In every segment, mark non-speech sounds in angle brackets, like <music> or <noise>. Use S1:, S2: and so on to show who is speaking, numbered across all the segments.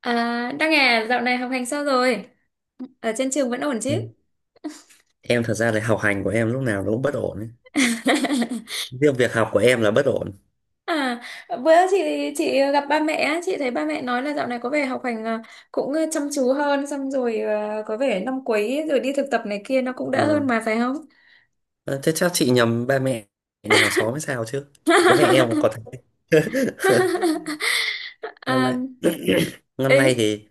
S1: À, Đăng à, dạo này học hành sao rồi? Ở trên trường vẫn ổn chứ?
S2: em em thật ra là học hành của em lúc nào nó cũng bất ổn ấy.
S1: <laughs>
S2: Riêng việc học của em là bất ổn.
S1: À, bữa chị gặp ba mẹ, á, chị thấy ba mẹ nói là dạo này có vẻ học hành cũng chăm chú hơn, xong rồi à, có vẻ năm cuối rồi đi thực tập này kia nó cũng đỡ hơn
S2: Ừ.
S1: mà phải không?
S2: Ờ, Thế chắc chị nhầm ba mẹ nhà hàng xóm hay sao chứ. Bố mẹ em có
S1: <laughs>
S2: thấy. <laughs> Năm
S1: À,
S2: nay <clears throat> <coughs> năm
S1: ý,
S2: nay thì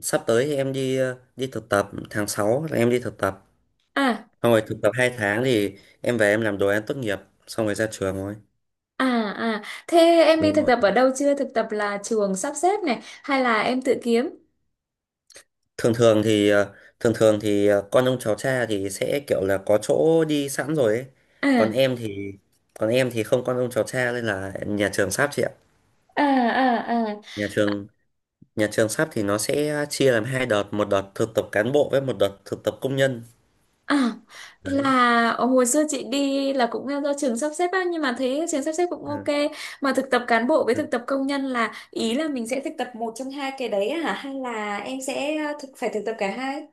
S2: sắp tới thì em đi đi thực tập tháng 6 là em đi thực tập,
S1: à,
S2: xong rồi thực tập 2 tháng thì em về em làm đồ án tốt nghiệp, xong rồi ra trường thôi.
S1: à, à, thế em đi
S2: Đúng
S1: thực
S2: rồi.
S1: tập ở đâu chưa? Thực tập là trường sắp xếp này, hay là em tự kiếm?
S2: Thường thường thì ờ, thường thường thì ờ, con ông cháu cha thì sẽ kiểu là có chỗ đi sẵn rồi ấy. Còn
S1: À,
S2: em thì, còn em thì không con ông cháu cha, nên là nhà trường sắp chị ạ.
S1: à, à, à.
S2: Nhà trường nhà trường sắp thì nó sẽ chia làm hai đợt, một đợt thực tập cán bộ với một đợt thực tập công nhân.
S1: À,
S2: Đấy.
S1: là ở hồi xưa chị đi là cũng do trường sắp xếp á, nhưng mà thấy trường sắp xếp cũng ok.
S2: Ừ.
S1: Mà thực tập cán bộ với
S2: Ừ.
S1: thực tập công nhân là ý là mình sẽ thực tập một trong hai cái đấy hả, hay là em sẽ phải thực tập cả hai?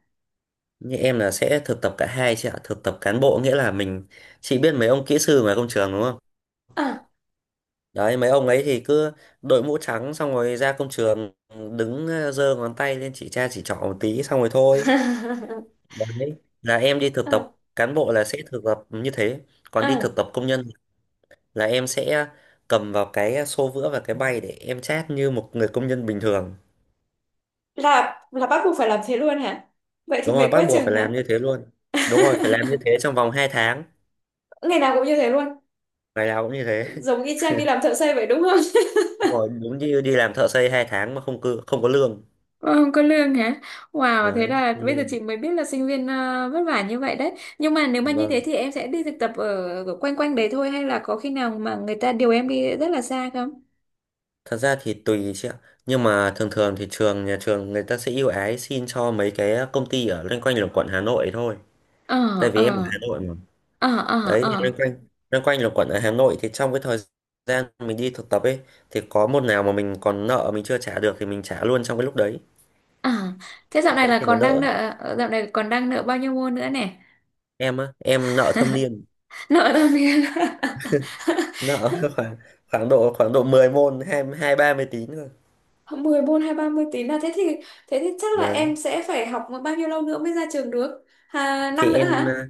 S2: Như em là sẽ thực tập cả hai chị ạ. Thực tập cán bộ nghĩa là mình. Chị biết mấy ông kỹ sư ngoài công trường đúng không?
S1: À.
S2: Đấy, mấy ông ấy thì cứ đội mũ trắng xong rồi ra công trường, đứng giơ ngón tay lên chỉ cha chỉ trỏ một tí xong rồi thôi.
S1: <laughs>
S2: Đấy, là em đi thực
S1: À,
S2: tập cán bộ là sẽ thực tập như thế. Còn đi
S1: à.
S2: thực tập công nhân là em sẽ cầm vào cái xô vữa và cái bay để em chát như một người công nhân bình thường.
S1: Là bắt buộc phải làm thế luôn hả? Vậy thì
S2: Đúng
S1: mệt
S2: rồi, bắt
S1: quá
S2: buộc
S1: chừng
S2: phải làm
S1: hả?
S2: như thế luôn.
S1: <laughs>
S2: Đúng rồi, phải làm như thế trong vòng 2 tháng.
S1: Ngày nào cũng như thế luôn?
S2: Ngày nào cũng như thế.
S1: Giống
S2: <laughs>
S1: y chang đi làm thợ xây vậy đúng không?
S2: Đúng rồi, đúng như đi làm thợ xây 2 tháng mà không có lương.
S1: Ôi, không có lương hả? Wow, thế
S2: Đấy,
S1: là
S2: không
S1: bây giờ
S2: lương.
S1: chị mới biết là sinh viên vất vả như vậy đấy. Nhưng mà nếu mà như
S2: Vâng.
S1: thế thì em sẽ đi thực tập ở, ở quanh quanh đấy thôi, hay là có khi nào mà người ta điều em đi rất là xa không?
S2: Thật ra thì tùy chị ạ. Nhưng mà thường thường thì nhà trường người ta sẽ ưu ái xin cho mấy cái công ty ở loanh quanh là quận Hà Nội thôi.
S1: Ờ,
S2: Tại vì em ở
S1: ờ,
S2: Hà Nội mà.
S1: ờ, ờ,
S2: Đấy thì loanh
S1: ờ,
S2: quanh loanh quanh là quẩn ở Hà Nội, thì trong cái thời gian mình đi thực tập ấy thì có môn nào mà mình còn nợ mình chưa trả được thì mình trả luôn trong cái lúc đấy.
S1: ờ. Thế
S2: Đấy thì nó đỡ.
S1: dạo này còn đang nợ bao nhiêu môn nữa nè?
S2: Em á, em nợ thâm niên.
S1: <laughs> Nợ tao biết. <laughs>
S2: Nợ <laughs> khoảng khoảng độ 10 môn, hai hai 30 tín rồi.
S1: Mười môn hay 30 tín à? Thế thì chắc là
S2: Đấy
S1: em sẽ phải học bao nhiêu lâu nữa mới ra trường được? À,
S2: thì
S1: năm nữa
S2: em
S1: hả?
S2: à,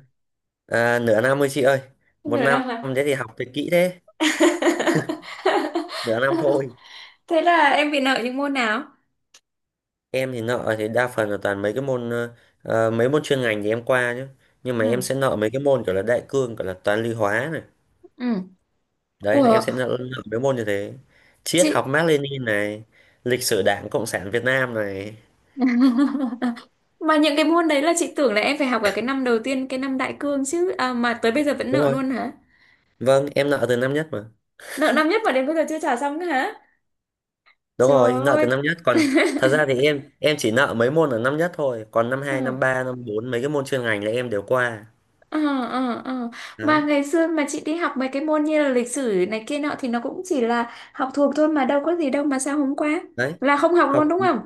S2: à, nửa năm thôi chị ơi. Một
S1: Nửa năm
S2: năm.
S1: hả?
S2: Thế thì học thì kỹ thế, nửa năm thôi.
S1: <laughs> Thế là em bị nợ những môn nào?
S2: Em thì nợ thì đa phần là toàn mấy cái môn, mấy môn chuyên ngành thì em qua chứ, nhưng mà
S1: Ừ.
S2: em sẽ nợ mấy cái môn kiểu là đại cương, kiểu là toán lý hóa này.
S1: Ừ.
S2: Đấy là em
S1: Ủa.
S2: sẽ lựa lựa mấy môn như thế,
S1: Chị.
S2: triết học Mác Lênin này, lịch sử Đảng Cộng sản Việt Nam này.
S1: <laughs> Mà những cái môn đấy là chị tưởng là em phải học ở cái năm đầu tiên, cái năm đại cương chứ à, mà tới bây giờ vẫn
S2: Đúng
S1: nợ
S2: rồi.
S1: luôn hả?
S2: Vâng, em nợ từ năm nhất mà.
S1: Nợ năm nhất mà đến bây giờ chưa trả xong nữa hả?
S2: Đúng
S1: Trời
S2: rồi, nợ từ
S1: ơi.
S2: năm nhất còn. Thật ra thì em chỉ nợ mấy môn ở năm nhất thôi, còn năm
S1: Ừ.
S2: hai năm ba năm bốn mấy cái môn chuyên ngành là em đều qua.
S1: Ờ, ờ, ờ. Mà
S2: Đấy.
S1: ngày xưa mà chị đi học mấy cái môn như là lịch sử này kia nọ thì nó cũng chỉ là học thuộc thôi mà đâu có gì đâu mà sao hôm qua
S2: Đấy,
S1: là không học luôn
S2: học
S1: đúng không?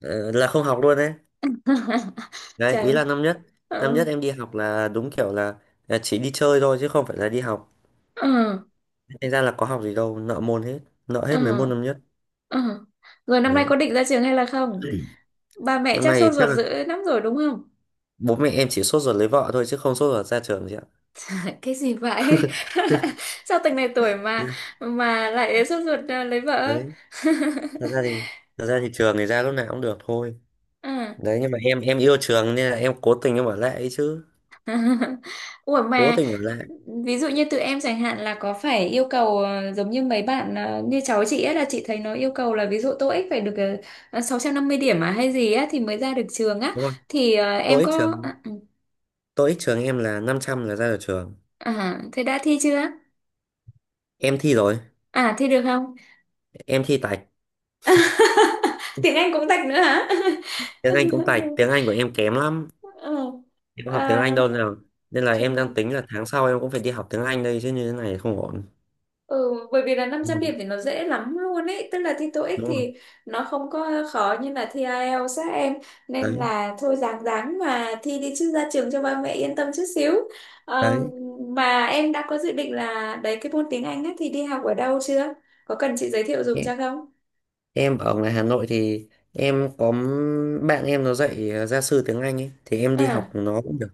S2: là không học luôn đấy.
S1: <laughs>
S2: Đấy,
S1: Trời
S2: ý
S1: ơi.
S2: là năm nhất
S1: Ờ,
S2: năm nhất em đi học là đúng kiểu là chỉ đi chơi thôi chứ không phải là đi học.
S1: ờ,
S2: Thành ra là có học gì đâu, nợ môn hết, nợ hết mấy môn
S1: ờ,
S2: năm nhất.
S1: ờ. Rồi năm nay
S2: Đấy,
S1: có định ra trường hay là không? Bà mẹ
S2: năm
S1: chắc
S2: nay
S1: sốt
S2: thì chắc
S1: ruột
S2: là
S1: dữ lắm rồi đúng không?
S2: bố mẹ em chỉ sốt ruột lấy vợ thôi chứ không sốt ruột ra trường chị ạ.
S1: <laughs> Cái gì vậy? <laughs> Sao từng này tuổi mà lại sốt ruột lấy vợ?
S2: Đấy,
S1: <laughs>
S2: thật ra thì thật ra thì trường thì ra lúc nào cũng được thôi.
S1: Ừ.
S2: Đấy, nhưng mà em yêu trường nên là em cố tình em ở lại ấy chứ,
S1: <laughs> Ủa
S2: cố
S1: mà
S2: tình ở lại.
S1: ví dụ như tụi em chẳng hạn là có phải yêu cầu giống như mấy bạn ờ, như cháu chị ấy là chị thấy nó yêu cầu là ví dụ TOEIC phải được 650 điểm à hay gì á thì mới ra được trường á,
S2: Đúng không?
S1: thì em
S2: tôi ít
S1: có
S2: trường
S1: à, ừ,
S2: tôi ít trường em là 500 là ra được trường.
S1: à, thế đã thi chưa?
S2: Em thi rồi.
S1: À thi được không?
S2: Em thi tạch.
S1: <laughs> Tiếng Anh cũng tạch nữa hả?
S2: Tiếng Anh cũng tạch. Tiếng
S1: <laughs>
S2: Anh của em kém lắm.
S1: Ừ.
S2: Em không học tiếng
S1: À,
S2: Anh đâu nào, nên là em đang
S1: chờ-
S2: tính là tháng sau em cũng phải đi học tiếng Anh đây chứ, như thế này không ổn.
S1: ừ, bởi vì là năm
S2: đúng
S1: trăm điểm
S2: không
S1: thì nó dễ lắm luôn ấy, tức là thi TOEIC
S2: Đúng không?
S1: thì nó không có khó như là thi IELTS các em, nên
S2: Đấy.
S1: là thôi ráng ráng mà thi đi chứ ra trường cho ba mẹ yên tâm chút xíu. Ờ,
S2: Đấy,
S1: mà em đã có dự định là đấy cái môn tiếng Anh á thì đi học ở đâu chưa, có cần chị giới thiệu dùm cho không?
S2: em ở ngoài Hà Nội thì em có bạn em nó dạy gia sư tiếng Anh ấy thì em đi học
S1: À.
S2: nó cũng được.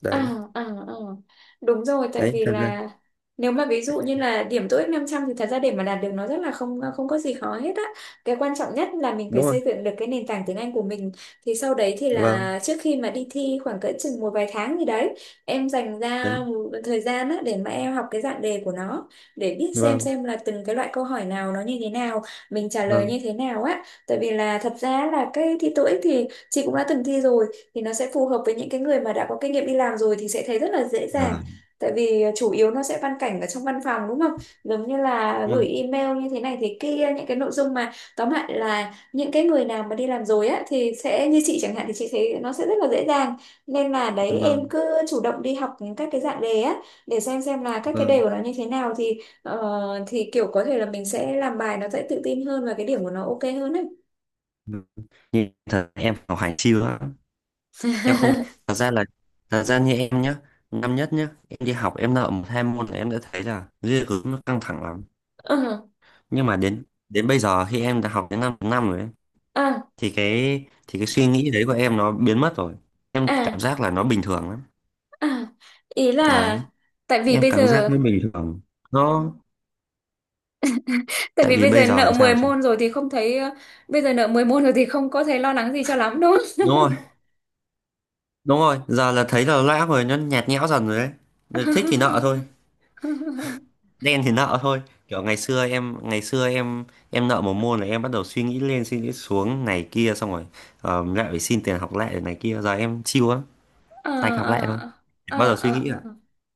S2: Đấy.
S1: À, à, à. Đúng rồi, tại
S2: Đấy.
S1: vì
S2: Thật ra.
S1: là nếu mà ví dụ như là điểm tô ích 500 thì thật ra để mà đạt được nó rất là không, không có gì khó hết á. Cái quan trọng nhất là mình phải
S2: Đúng rồi.
S1: xây dựng được cái nền tảng tiếng Anh của mình. Thì sau đấy thì
S2: Vâng.
S1: là trước khi mà đi thi khoảng cỡ chừng một vài tháng gì đấy, em dành ra
S2: Đấy.
S1: một thời gian á để mà em học cái dạng đề của nó, để biết
S2: Vâng.
S1: xem là từng cái loại câu hỏi nào nó như thế nào, mình trả lời
S2: Vâng.
S1: như thế nào á. Tại vì là thật ra là cái thi TOEIC thì chị cũng đã từng thi rồi, thì nó sẽ phù hợp với những cái người mà đã có kinh nghiệm đi làm rồi thì sẽ thấy rất là dễ dàng,
S2: Vâng,
S1: tại vì chủ yếu nó sẽ văn cảnh ở trong văn phòng đúng không, giống như là gửi
S2: vâng,
S1: email như thế này thế kia, những cái nội dung mà tóm lại là những cái người nào mà đi làm rồi á thì sẽ như chị chẳng hạn thì chị thấy nó sẽ rất là dễ dàng, nên là đấy em
S2: vâng,
S1: cứ chủ động đi học các cái dạng đề á, để xem là các cái đề
S2: vâng,
S1: của nó như thế nào thì thì kiểu có thể là mình sẽ làm bài nó sẽ tự tin hơn và cái điểm của nó ok hơn ấy.
S2: vâng. Nhìn thật em học hành siêu lắm. Em không. thật ra là Thật ra như em nhá. Năm nhất nhá, em đi học em nợ một hai môn là em đã thấy là ghê gớm, nó căng thẳng lắm.
S1: Ờ,
S2: Nhưng mà đến đến bây giờ khi em đã học đến 5 năm rồi ấy,
S1: à,
S2: thì cái suy nghĩ đấy của em nó biến mất rồi. Em
S1: à.
S2: cảm giác là nó bình thường lắm.
S1: <laughs> À, ý
S2: Đấy,
S1: là tại vì
S2: em
S1: bây
S2: cảm giác
S1: giờ
S2: nó bình thường. Nó.
S1: tại
S2: Tại
S1: vì
S2: vì
S1: bây
S2: bây
S1: giờ
S2: giờ
S1: nợ
S2: làm
S1: 10
S2: sao chị.
S1: môn rồi thì không thấy ờ, bây giờ nợ 10 môn rồi thì không có thấy lo lắng gì cho lắm đúng
S2: Đúng rồi. Đúng rồi, giờ là thấy là lã rồi, nó nhạt nhẽo dần rồi đấy. Nên thích thì nợ thôi,
S1: không? <laughs>
S2: đen thì nợ thôi. Kiểu ngày xưa em, ngày xưa em nợ một môn là em bắt đầu suy nghĩ lên suy nghĩ xuống này kia, xong rồi lại phải xin tiền học lại này kia, giờ em chill lắm,
S1: Ờ,
S2: tạch học lại thôi.
S1: ờ,
S2: Em bắt
S1: ờ,
S2: đầu suy
S1: ờ,
S2: nghĩ rồi.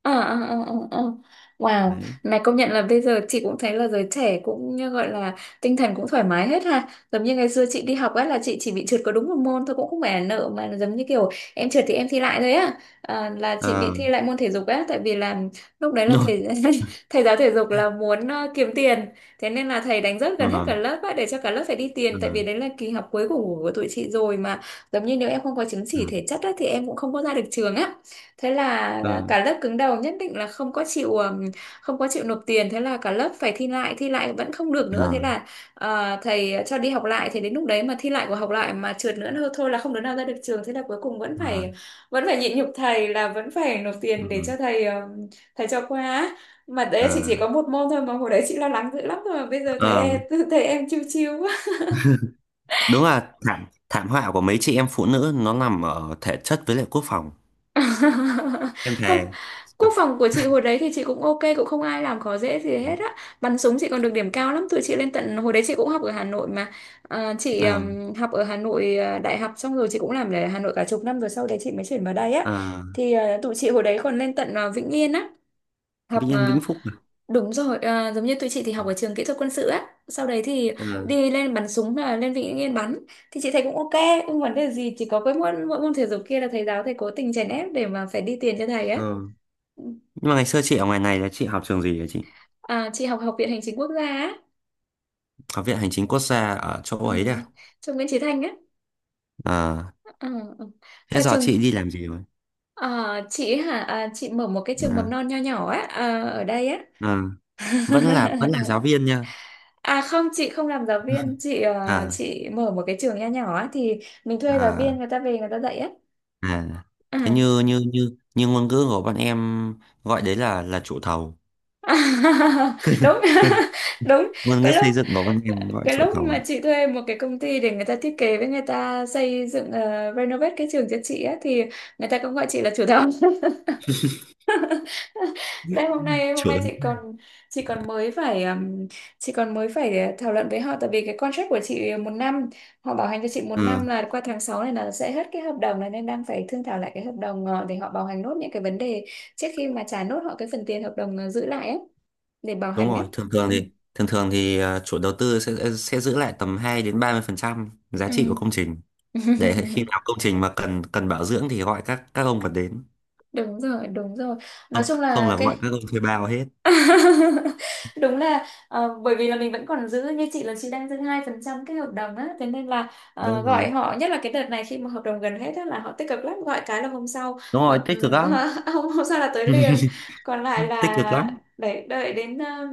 S1: ờ, ờ, ờ, ờ, ờ, ờ. Ờ. Wow,
S2: Đấy.
S1: này công nhận là bây giờ chị cũng thấy là giới trẻ cũng như gọi là tinh thần cũng thoải mái hết ha. Giống như ngày xưa chị đi học ấy là chị chỉ bị trượt có đúng một môn thôi, cũng không phải là nợ mà là giống như kiểu em trượt thì em thi lại thôi á. À, là chị bị
S2: Ờ,
S1: thi lại môn thể dục á, tại vì là lúc đấy
S2: <laughs>
S1: là
S2: đúng rồi.
S1: thầy <laughs> thầy giáo thể dục là muốn kiếm tiền. Thế nên là thầy đánh rớt
S2: Ờ,
S1: gần hết cả lớp á để cho cả lớp phải đi tiền,
S2: ờ,
S1: tại vì đấy là kỳ học cuối của tụi chị rồi mà, giống như nếu em không có chứng
S2: ờ,
S1: chỉ thể chất á, thì em cũng không có ra được trường á. Thế là
S2: ờ.
S1: cả lớp cứng đầu nhất định là không có chịu không có chịu nộp tiền, thế là cả lớp phải thi lại, thi lại vẫn không được nữa, thế
S2: Ờ,
S1: là thầy cho đi học lại, thì đến lúc đấy mà thi lại của học lại mà trượt nữa thôi, thôi là không đứa nào ra được trường, thế là cuối cùng
S2: ờ,
S1: vẫn phải nhịn nhục thầy là vẫn phải nộp tiền
S2: ờ,
S1: để cho thầy thầy cho qua á. Mà
S2: ờ,
S1: đấy chị chỉ có một môn thôi mà hồi đấy chị lo lắng dữ lắm rồi, mà bây giờ thấy
S2: ờ,
S1: em <laughs> thấy em chiêu chiêu
S2: đúng là thảm thảm họa của mấy chị em phụ nữ nó nằm ở thể chất với lại quốc phòng.
S1: <laughs>
S2: Em
S1: Không,
S2: thề.
S1: quốc phòng của chị hồi đấy thì chị cũng ok, cũng không ai làm khó dễ gì hết á, bắn súng chị còn được điểm cao lắm, tụi chị lên tận hồi đấy chị cũng học ở Hà Nội mà. À, chị
S2: ờ,
S1: học ở Hà Nội, à, đại học xong rồi chị cũng làm ở Hà Nội cả chục năm rồi, sau đấy chị mới chuyển vào đây á.
S2: ờ,
S1: Thì à, tụi chị hồi đấy còn lên tận à, Vĩnh Yên á học
S2: Vĩnh Yên
S1: à,
S2: Vĩnh Phúc à?
S1: đúng rồi, à, giống như tụi chị thì học ở trường kỹ thuật quân sự á, sau đấy thì
S2: Ờ,
S1: đi lên bắn súng là lên Vĩnh Yên bắn, thì chị thấy cũng ok, không vấn đề gì, chỉ có cái môn mỗi môn thể dục kia là thầy giáo thầy cố tình chèn ép để mà phải đi tiền cho thầy á.
S2: ờ.
S1: Ừ.
S2: Nhưng mà ngày xưa chị ở ngoài này là chị học trường gì hả chị?
S1: À, chị học học viện hành chính quốc gia á.
S2: Học viện Hành chính Quốc gia ở chỗ
S1: Ừ.
S2: ấy đấy à?
S1: Trường Nguyễn Chí Thanh á.
S2: ờ,
S1: Ừ. Ừ. Ở
S2: Thế giờ
S1: trường
S2: chị đi làm gì rồi?
S1: à, chị hả, à, chị mở một cái trường
S2: ờ,
S1: mầm non nho nhỏ á, à, ở đây á.
S2: ờ, vẫn là giáo
S1: <laughs>
S2: viên nha.
S1: À không, chị không làm giáo viên,
S2: <laughs>
S1: chị
S2: à,
S1: chị mở một cái trường nho nhỏ á thì mình thuê giáo viên,
S2: à,
S1: người ta về người ta dạy á.
S2: à, thế
S1: À.
S2: như như như như ngôn ngữ của bọn em gọi đấy là chủ thầu.
S1: <laughs> Đúng. <laughs> Đúng.
S2: <laughs> ngôn ngữ
S1: Cái
S2: xây
S1: lúc
S2: dựng có văn em gọi
S1: cái
S2: chủ
S1: lúc
S2: thầu
S1: mà
S2: ấy.
S1: chị thuê một cái công ty để người ta thiết kế với người ta xây dựng renovate cái trường cho chị á, thì người ta cũng gọi chị là chủ <laughs> thầu. <laughs> Đây hôm nay
S2: Chủ.
S1: chị còn chị còn mới phải um, chị còn mới phải thảo luận với họ, tại vì cái contract của chị một năm, họ bảo hành cho chị một năm
S2: Ừ,
S1: là qua tháng 6 này là sẽ hết cái hợp đồng này, nên đang phải thương thảo lại cái hợp đồng để họ bảo hành nốt những cái vấn đề trước khi mà trả nốt họ cái phần tiền hợp đồng giữ lại ấy, để bảo
S2: đúng
S1: hành ấy.
S2: rồi. thường thường
S1: Ừ.
S2: thì thường thường thì à, chủ đầu tư sẽ giữ lại tầm 2 đến 30 phần trăm giá trị của
S1: Ừ.
S2: công trình. Để khi
S1: <laughs>
S2: nào công trình mà cần cần bảo dưỡng thì gọi các ông còn đến.
S1: Đúng rồi, đúng rồi, nói
S2: Không
S1: chung
S2: không,
S1: là
S2: là gọi
S1: cái…
S2: các ông thuê bao hết.
S1: <laughs> Đúng là bởi vì là mình vẫn còn giữ, như chị là chị đang giữ 2% cái hợp đồng á, thế nên là
S2: Đúng rồi.
S1: gọi họ, nhất là cái đợt này khi mà hợp đồng gần hết á là họ tích cực lắm, gọi cái là hôm sau
S2: Đúng
S1: họ,
S2: rồi, tích cực
S1: ừ,
S2: lắm.
S1: <laughs> hôm hôm sau là tới liền,
S2: <laughs>
S1: còn lại
S2: Tích cực
S1: là
S2: lắm.
S1: đợi đợi đến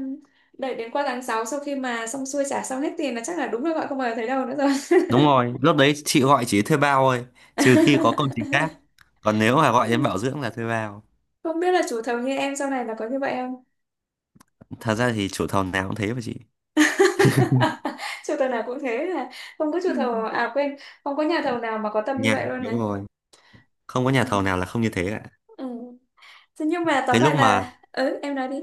S1: đợi đến qua tháng sáu, sau khi mà xong xuôi trả xong hết tiền là chắc là đúng là gọi không bao giờ thấy đâu nữa rồi.
S2: Đúng rồi, lúc đấy chị gọi chỉ thuê bao thôi. Trừ khi có công trình khác,
S1: <laughs>
S2: còn nếu mà gọi đến bảo
S1: Ừ.
S2: dưỡng là thuê bao.
S1: Không biết là chủ thầu như em sau này là có như vậy không.
S2: Thật ra thì chủ thầu nào cũng thế mà chị.
S1: <laughs> Chủ thầu nào cũng thế là không có chủ thầu à quên, không có nhà thầu nào mà có tâm như
S2: Nhà.
S1: vậy luôn này.
S2: Đúng rồi, không có nhà thầu
S1: Ừ.
S2: nào là không như thế cả.
S1: Ừ. Thế nhưng mà tóm
S2: cái lúc
S1: lại
S2: mà
S1: là ừ em nói đi.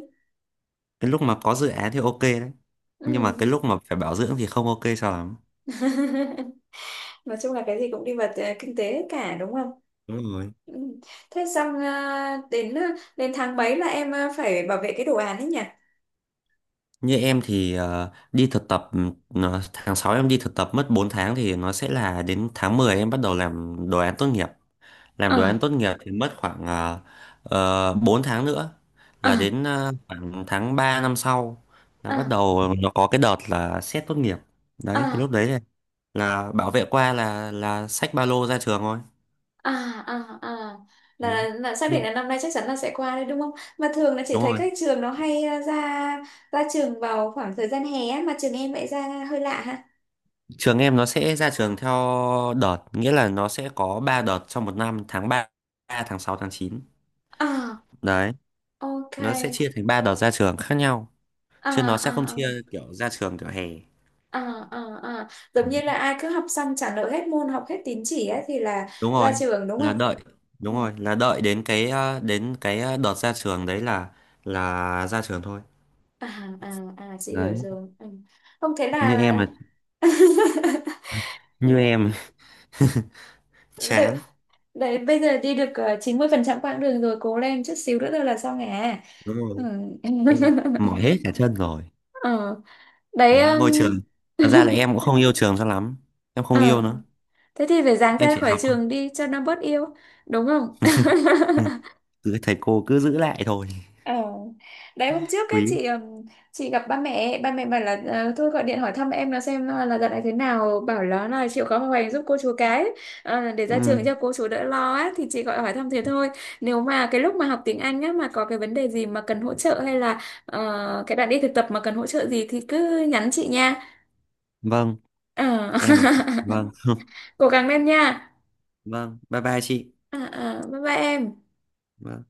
S2: cái lúc mà có dự án thì ok đấy, nhưng
S1: Ừ.
S2: mà cái lúc mà phải bảo dưỡng thì không ok sao lắm.
S1: <laughs> Nói chung là cái gì cũng đi vào kinh tế hết cả đúng không.
S2: Đúng rồi.
S1: Ừ. Thế xong đến đến tháng mấy là em phải bảo vệ cái đồ án ấy nhỉ?
S2: Như em thì đi thực tập, tháng 6 em đi thực tập mất 4 tháng, thì nó sẽ là đến tháng 10 em bắt đầu làm đồ án tốt nghiệp. Làm
S1: Ờ.
S2: đồ án tốt nghiệp thì mất khoảng 4 tháng nữa,
S1: Ờ.
S2: là đến khoảng tháng 3 năm sau là
S1: Ờ.
S2: bắt đầu nó có cái đợt là xét tốt nghiệp.
S1: Ờ.
S2: Đấy thì lúc đấy là, bảo vệ qua là xách ba lô ra trường thôi.
S1: À. À. À,
S2: Đấy.
S1: là xác định
S2: Nhưng-
S1: là năm nay chắc chắn là sẽ qua đấy đúng không? Mà thường là chị
S2: đúng
S1: thấy
S2: rồi.
S1: các trường nó hay ra ra trường vào khoảng thời gian hè á, mà trường em lại ra hơi lạ ha.
S2: Trường em nó sẽ ra trường theo đợt, nghĩa là nó sẽ có 3 đợt trong một năm, tháng 3, tháng 6, tháng 9
S1: À,
S2: Đấy,
S1: ok.
S2: nó sẽ chia thành 3 đợt ra trường khác nhau,
S1: À,
S2: chứ nó sẽ
S1: à,
S2: không chia
S1: à,
S2: kiểu ra trường kiểu hè.
S1: à, à, à. Giống
S2: Ừ.
S1: như là ai cứ học xong trả nợ hết môn, học hết tín chỉ á thì là
S2: Đúng
S1: ra
S2: rồi,
S1: trường đúng
S2: là
S1: không.
S2: đợi, đúng
S1: Ừ.
S2: rồi, là đợi đến cái đợt ra trường đấy là ra trường thôi.
S1: À, à, à, chị hiểu
S2: Đấy,
S1: rồi. Ừ. Không, thế
S2: như em
S1: là…
S2: mà,
S1: <laughs>
S2: như em <laughs>
S1: Tại…
S2: chán,
S1: Đấy, bây giờ đi được 90% quãng đường rồi, cố lên chút xíu nữa thôi là xong à.
S2: đúng
S1: Ừ.
S2: rồi. Em mỏi hết
S1: <laughs>
S2: cả chân rồi.
S1: Ờ. Đấy,
S2: Đấy, ngôi trường. Thật ra là
S1: <laughs>
S2: em cũng không yêu trường cho lắm. Em không yêu
S1: ờ.
S2: nữa,
S1: Thế thì phải dáng
S2: em
S1: ra
S2: chỉ
S1: khỏi
S2: học thôi.
S1: trường đi cho nó bớt yêu, đúng không?
S2: Ừ, cứ thầy cô cứ giữ lại thôi.
S1: Ờ. Đấy hôm trước ấy
S2: Quý.
S1: chị gặp ba mẹ, ba mẹ bảo là thôi gọi điện hỏi thăm em là xem là dạo này thế nào, bảo là chịu khó học hành giúp cô chú cái để ra trường
S2: Ừ.
S1: cho cô chú đỡ lo á, thì chị gọi hỏi thăm thế thôi. Nếu mà cái lúc mà học tiếng Anh á mà có cái vấn đề gì mà cần hỗ trợ hay là cái đoạn đi thực tập mà cần hỗ trợ gì thì cứ nhắn chị nha.
S2: Vâng.
S1: Ờ.
S2: Em.
S1: <laughs>
S2: Vâng.
S1: Cố gắng lên nha.
S2: Vâng. Bye bye chị.
S1: Ờ, ờ, bye bye em.
S2: Vâng.